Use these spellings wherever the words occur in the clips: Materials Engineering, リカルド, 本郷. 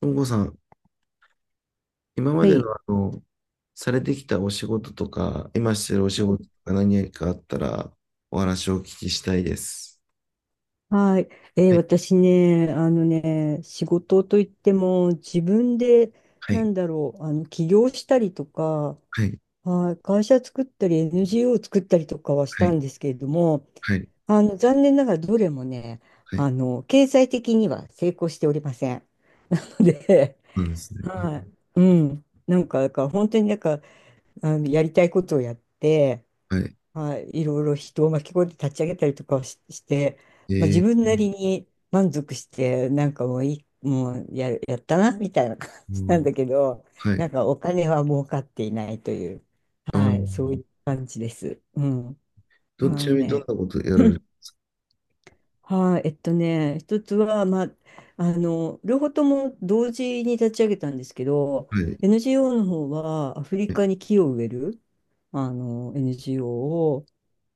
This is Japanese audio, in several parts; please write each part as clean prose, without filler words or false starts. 本郷さん、今まはでの、い。あの、されてきたお仕事とか、今してるお仕うん、事とか何かあったら、お話をお聞きしたいです。はい。はい、私ね、仕事といっても、自分で、はい、起業したりとか、はい、はい、会社作ったり、NGO 作ったりとかはしはたい、んですけれども、はい、残念ながらどれもね、はい。経済的には成功しておりません。で、そうですね。あはい。うん。なんか、だから本当になんか、やりたいことをやって、はい。はい、いろいろ人を巻き込んで立ち上げたりとかをして、まあ、え自ー、分なりに満足して、なんかもういい、もうや、やったなみたいな感うじなんん、だけど、はない。んかお金は儲かっていないという、あはい、ーそういう感じです。うん、あちのなみにどんなね ことやられる。 はい、一つは、まあ、両方とも同時に立ち上げたんですけど、はい、NGO の方はアフリはい、カに木を植える、NGO を、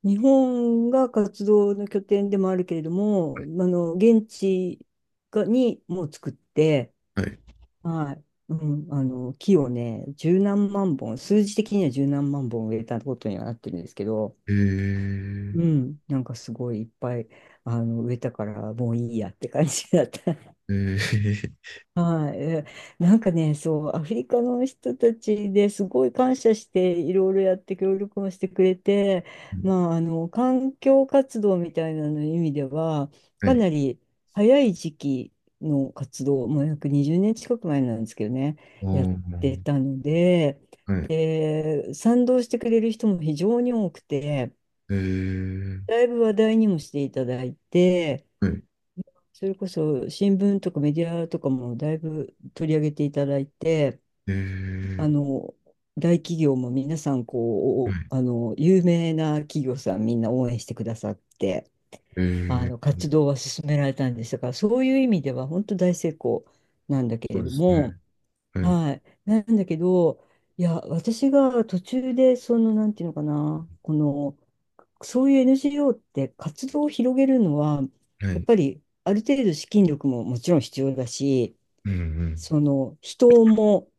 日本が活動の拠点でもあるけれども、現地がにも作って、はい。はい、うん、木をね、十何万本、数字的には十何万本植えたことにはなってるんですけど、えー、うん、なんかすごいいっぱい、植えたから、もういいやって感じだった。えー、はい、なんかね、そう、アフリカの人たちですごい感謝して、いろいろやって協力もしてくれて、まあ、環境活動みたいなの意味では、はかい。なり早い時期の活動、もう約20年近く前なんですけどね、あやってーたので、はい。で、賛同してくれる人も非常に多くて、えー、だいぶ話題にもしていただいて、はい。それこそ新聞とかメディアとかもだいぶ取り上げていただいて、えあー、の、大企業も皆さん、はこう、い。有名な企業さんみんな応援してくださって、えー、活動は進められたんですが、そういう意味では本当大成功なんだけそうれでどすね。も、はい。はい。なんだけど、いや、私が途中で、その、なんていうのかな、この、そういう NGO って活動を広げるのは、はやっい。ぱりある程度資金力ももちろん必要だし、うんその人も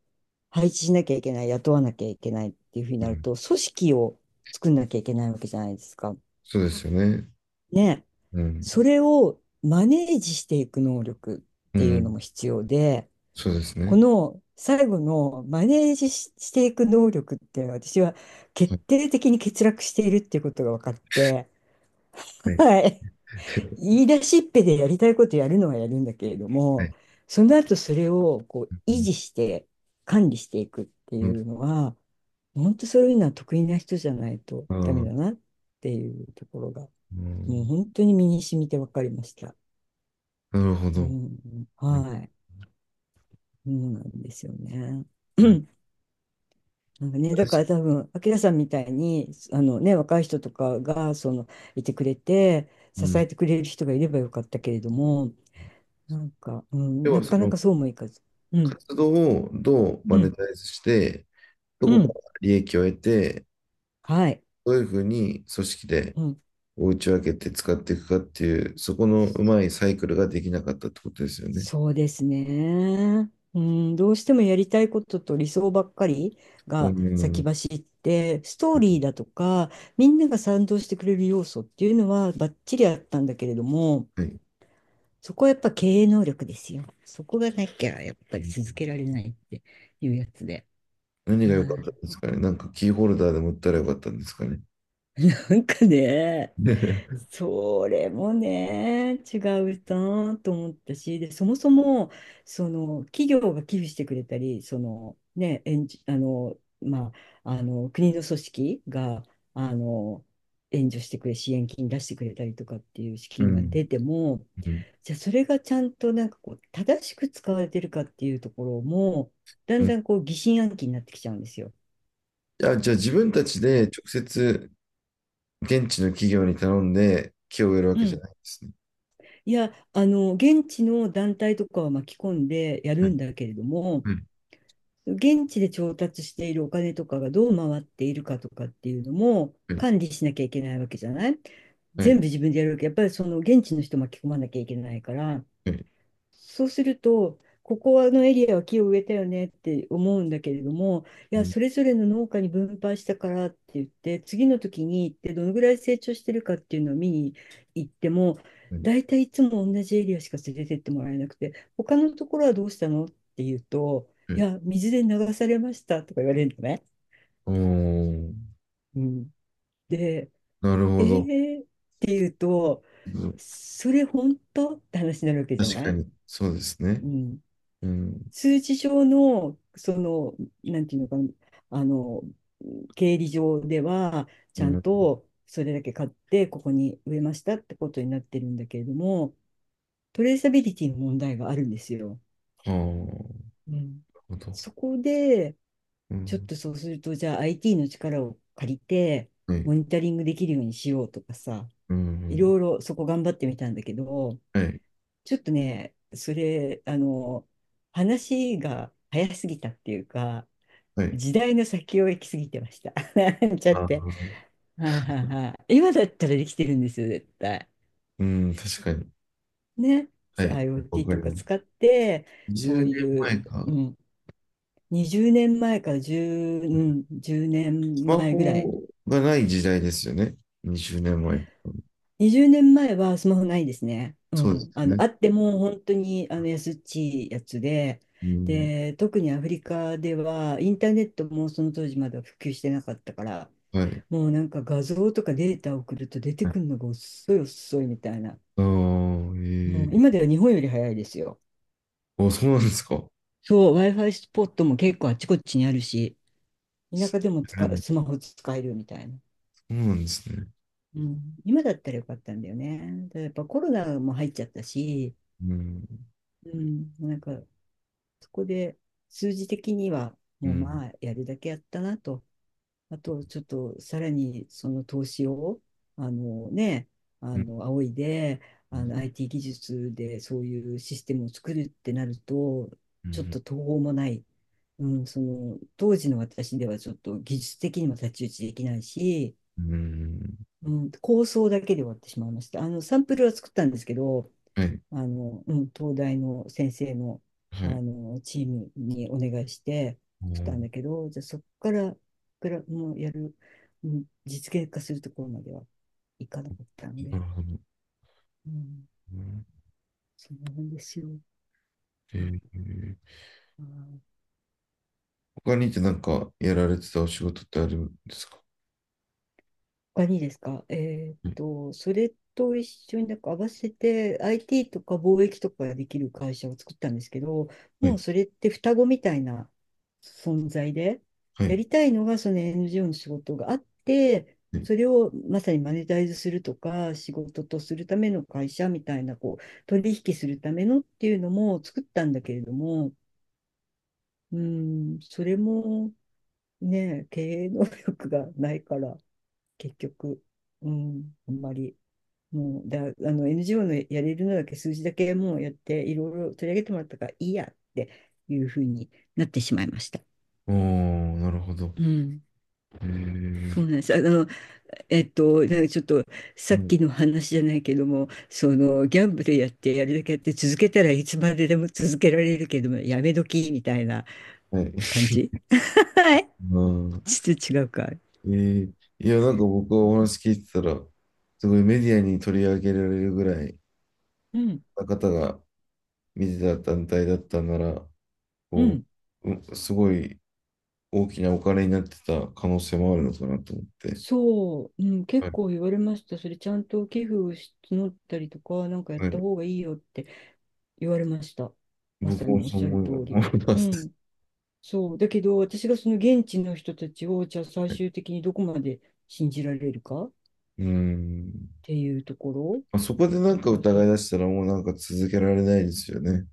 配置しなきゃいけない、雇わなきゃいけないっていうふうにうんなうるん。と、組織を作んなきゃいけないわけじゃないですか。そうですよね。ね。うそん。れをマネージしていく能力っうていうのん。も必要で、そうですこね。の最後のマネージし、していく能力っていうのは、私はは決い。定的に欠落しているっていうことが分かって、はい。はい。言い出しっぺでやりたいことやるのはやるんだけれどはも、い。その後それをこう維持して管理していくってういん。うのは、本当そういうのは得意な人じゃないとあダメあ、だなっていうところが、うもうん。本当に身に染みて分かりました。なるほうど。ん、うん。はい。そうなんですよね。うん。なんかね、だか私ら多分、明きさんみたいに、若い人とかが、その、いてくれて、う支ん。えてくれる人がいればよかったけれども、なんか、うでん、なは、かそなのかそうもいかず。うん、活動をどううマネん、タイズして、どうこかん、ら利益を得て、はい、どういうふうに組織でうん、お打ち分けて使っていくかっていう、そこのうまいサイクルができなかったってことですよね。そうですね。うん、どうしてもやりたいことと理想ばっかりうが先ん。走って、ストーリーだとか、みんなが賛同してくれる要素っていうのはバッチリあったんだけれども、はい。そこはやっぱ経営能力ですよ。そこがなきゃやっぱり続けられないっていうやつで。何はが良かったい。んですかね。なんかキーホルダーでも売ったら良かったんですかね。なんかね、それもね、違うなと思ったし、で、そもそも、その、企業が寄付してくれたり、その、ね、援助、あの、まあ、あの、国の組織が、あの、援助してくれ、支援金出してくれたりとかっていう資う金がん。出ても、うん。じゃあそれがちゃんとなんかこう、正しく使われてるかっていうところも、だうんんだんこう疑心暗鬼になってきちゃうんですよ。じゃあ、じゃあ自分たちまであ、直接現地の企業に頼んで木を植えるわうけじゃん、ないんですね。いや、現地の団体とかは巻き込んでやはるいんだけれども、は現地で調達しているお金とかがどう回っているかとかっていうのもいはい管理しなきゃいけないわけじゃない、は全い部自分でやるわけ。やっぱりその現地の人巻き込まなきゃいけないから、はいそうすると、ここのエリアは木を植えたよねって思うんだけれども、いうや、んそれぞれの農家に分配したからって言って、次の時に行ってどのぐらい成長してるかっていうのを見に行っても、はい大体いつも同じエリアしか連れてってもらえなくて、他のところはどうしたのって言うと、はいいや、水で流されましたとか言われるのね。おー、うん、で、なるえほど。ーって言うと、うんそれ本当って話になるわけじゃ確なかい、に、そうですね。うん、うん。数字上の、その、なんていうのかな、あの、経理上では、ちうゃん。んはとそれだけ買って、ここに植えましたってことになってるんだけれども、トレーサビリティの問題があるんですよ。あ、なるうん。ほど。そこで、うちょっん。とそうすると、じゃあ IT の力を借りて、はモい。ニタリングできるようにしようとかさ、ういん。ろいろそこ頑張ってみたんだけど、はい。ちょっとね、それ、あの、話が早すぎたっていうか、はい。時代の先を行き過ぎてました。なんちゃっあて。ー、はいはいはい。今だったらできてるんですよ、絶対。うん、確かに。ね。はそう、 い。わ IoT かとりかま使す。って、20そう年前いう、うか。ん、20年前から10、1ス年マ前ぐらい。ホがない時代ですよね。20年前。20年前はスマホないですね。うそうでん。すね。あっても本当にあの安っちいやつで、うん。で、特にアフリカではインターネットもその当時まだ普及してなかったから、はい。もうなんか画像とかデータを送ると出てはいくるのが遅い遅いみたいな。あもあ、う今ええでは日本より早いですよ。あ、そうなんですか。やそう、Wi-Fi スポットも結構あちこちにあるし、田舎でもれない。スマホ使えるみたいな。そうなんですね。うん、今だったらよかったんだよね。ただやっぱコロナも入っちゃったし、うん。うん、なんかそこで数字的にはうもうん。まあやるだけやったなと、あと、ちょっと、さらに、その投資を、あのね、うん。仰いで、うん。IT 技術でそういうシステムを作るってなると、ちょっと途方もない。うん、その、当時の私ではちょっと技術的にも太刀打ちできないし、うん。うんうん、構想だけで終わってしまいました。サンプルは作ったんですけど、はい。うん、東大の先生の、はい。チームにお願いしてああ、作ったなんだけど、じゃあそこから、グらもうやる、うん、実現化するところまではいかなかったんるで、ほど。うん、うんそんなもんですよ。えあえあー、他にってなんかやられてたお仕事ってあるんですか。他にですか。はいそれと一緒になんか合わせて IT とか貿易とかができる会社を作ったんですけど、はもうい。それって双子みたいな存在で、はやい。りたいのがその NGO の仕事があって、はいそれをまさにマネタイズするとか、仕事とするための会社みたいな、こう、取引するためのっていうのも作ったんだけれども、うん、それもね、経営能力がないから、結局、うん、あんまり、もう、だ、あの、NGO のやれるのだけ、数字だけもうやって、いろいろ取り上げてもらったからいいやっていうふうになってしまいました。おー、なるほど。うん、えそうなんえです。なんかちょっとさはっい。きの話じゃないけども、そのギャンブルやってやるだけやって続けたらいつまででも続けられるけども、やめ時みたいなはい。感じ。はい。あーちょっと違うか。えーいや、なんか僕はお話聞いてたら、すごいメディアに取り上げられるぐらいうん、な方が見てた団体だったなら、うこん。う、うすごい大きなお金になってた可能性もあるのかなと思って、そう、うん、は結い、構言われました。それちゃんと寄付をし募ったりとか、なんかやっはたい、方がいいよって言われました。ま僕さにもおっそうしゃる思通いり。思いまうす。ん、そう。だけど、私がその現地の人たちを、じゃあ最終 的にどこまで信じられるかっうん。ていうところ、まあ、そこでなやっんかぱ疑い出したらもうなんか続けられないですよね。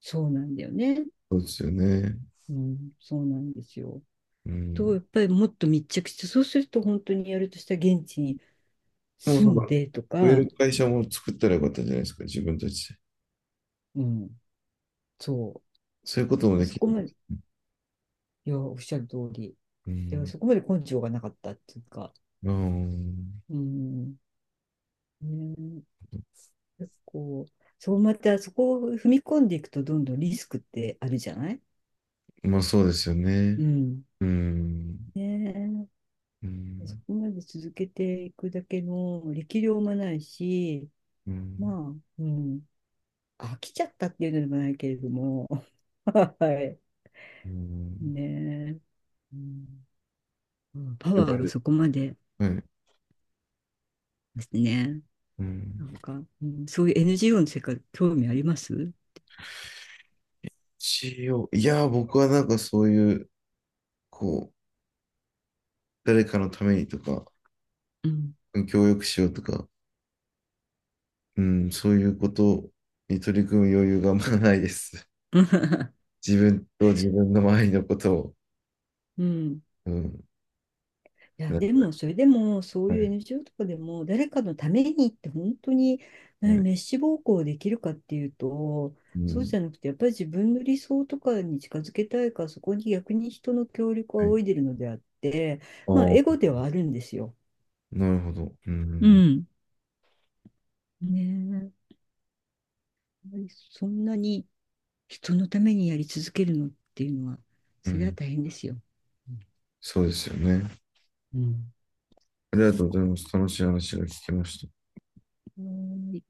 そうなんだよね。そうですよね。うん、そうなんですよ。うと、ん。やっぱりもっと密着して、そうすると本当にやるとしたら現地にもう住その、んでと植えか、る会社も作ったらよかったんじゃないですか、自分たちで。うん、そそういうこともう。でそきる。こまで、いや、おっしゃる通り。うでもん。そこまで根性がなかったっていうか、うん。うん、ね、結構、そうまたそこを踏み込んでいくとどんどんリスクってあるじゃない、まあそうですよね。うん。うん。ねうえ、そん。こまで続けていくだけの力量もないし、うん。まあ、うん、飽きちゃったっていうのでもないけれども、はい。うんねえ、うん、うん、パはワーがい。そこまでですね。うなん。んか、うん、そういう NGO の世界、興味あります、 いやー、僕はなんかそういう、こう、誰かのためにとか、うん。協力しようとか、うん、そういうことに取り組む余裕があんまないです。自分と自分の周りのことを。うん。うん。いや、なんでかも、それでも、そうはいう い。NGO とかでも、誰かのためにって本当に、はね、い。滅私暴行できるかっていうと、うそうん。じゃなくて、やっぱり自分の理想とかに近づけたいから、そこに逆に人の協力をはい。仰いでるのであって、あまあ、あ、エゴではあるんですよ。なるほど。ううん。ん。ねえ、やっぱりそんなに人のためにやり続けるのっていうのは、うそれはん。大変ですよ。そうですよね。うん。ありがとうございます。楽しい話が聞けました。うん。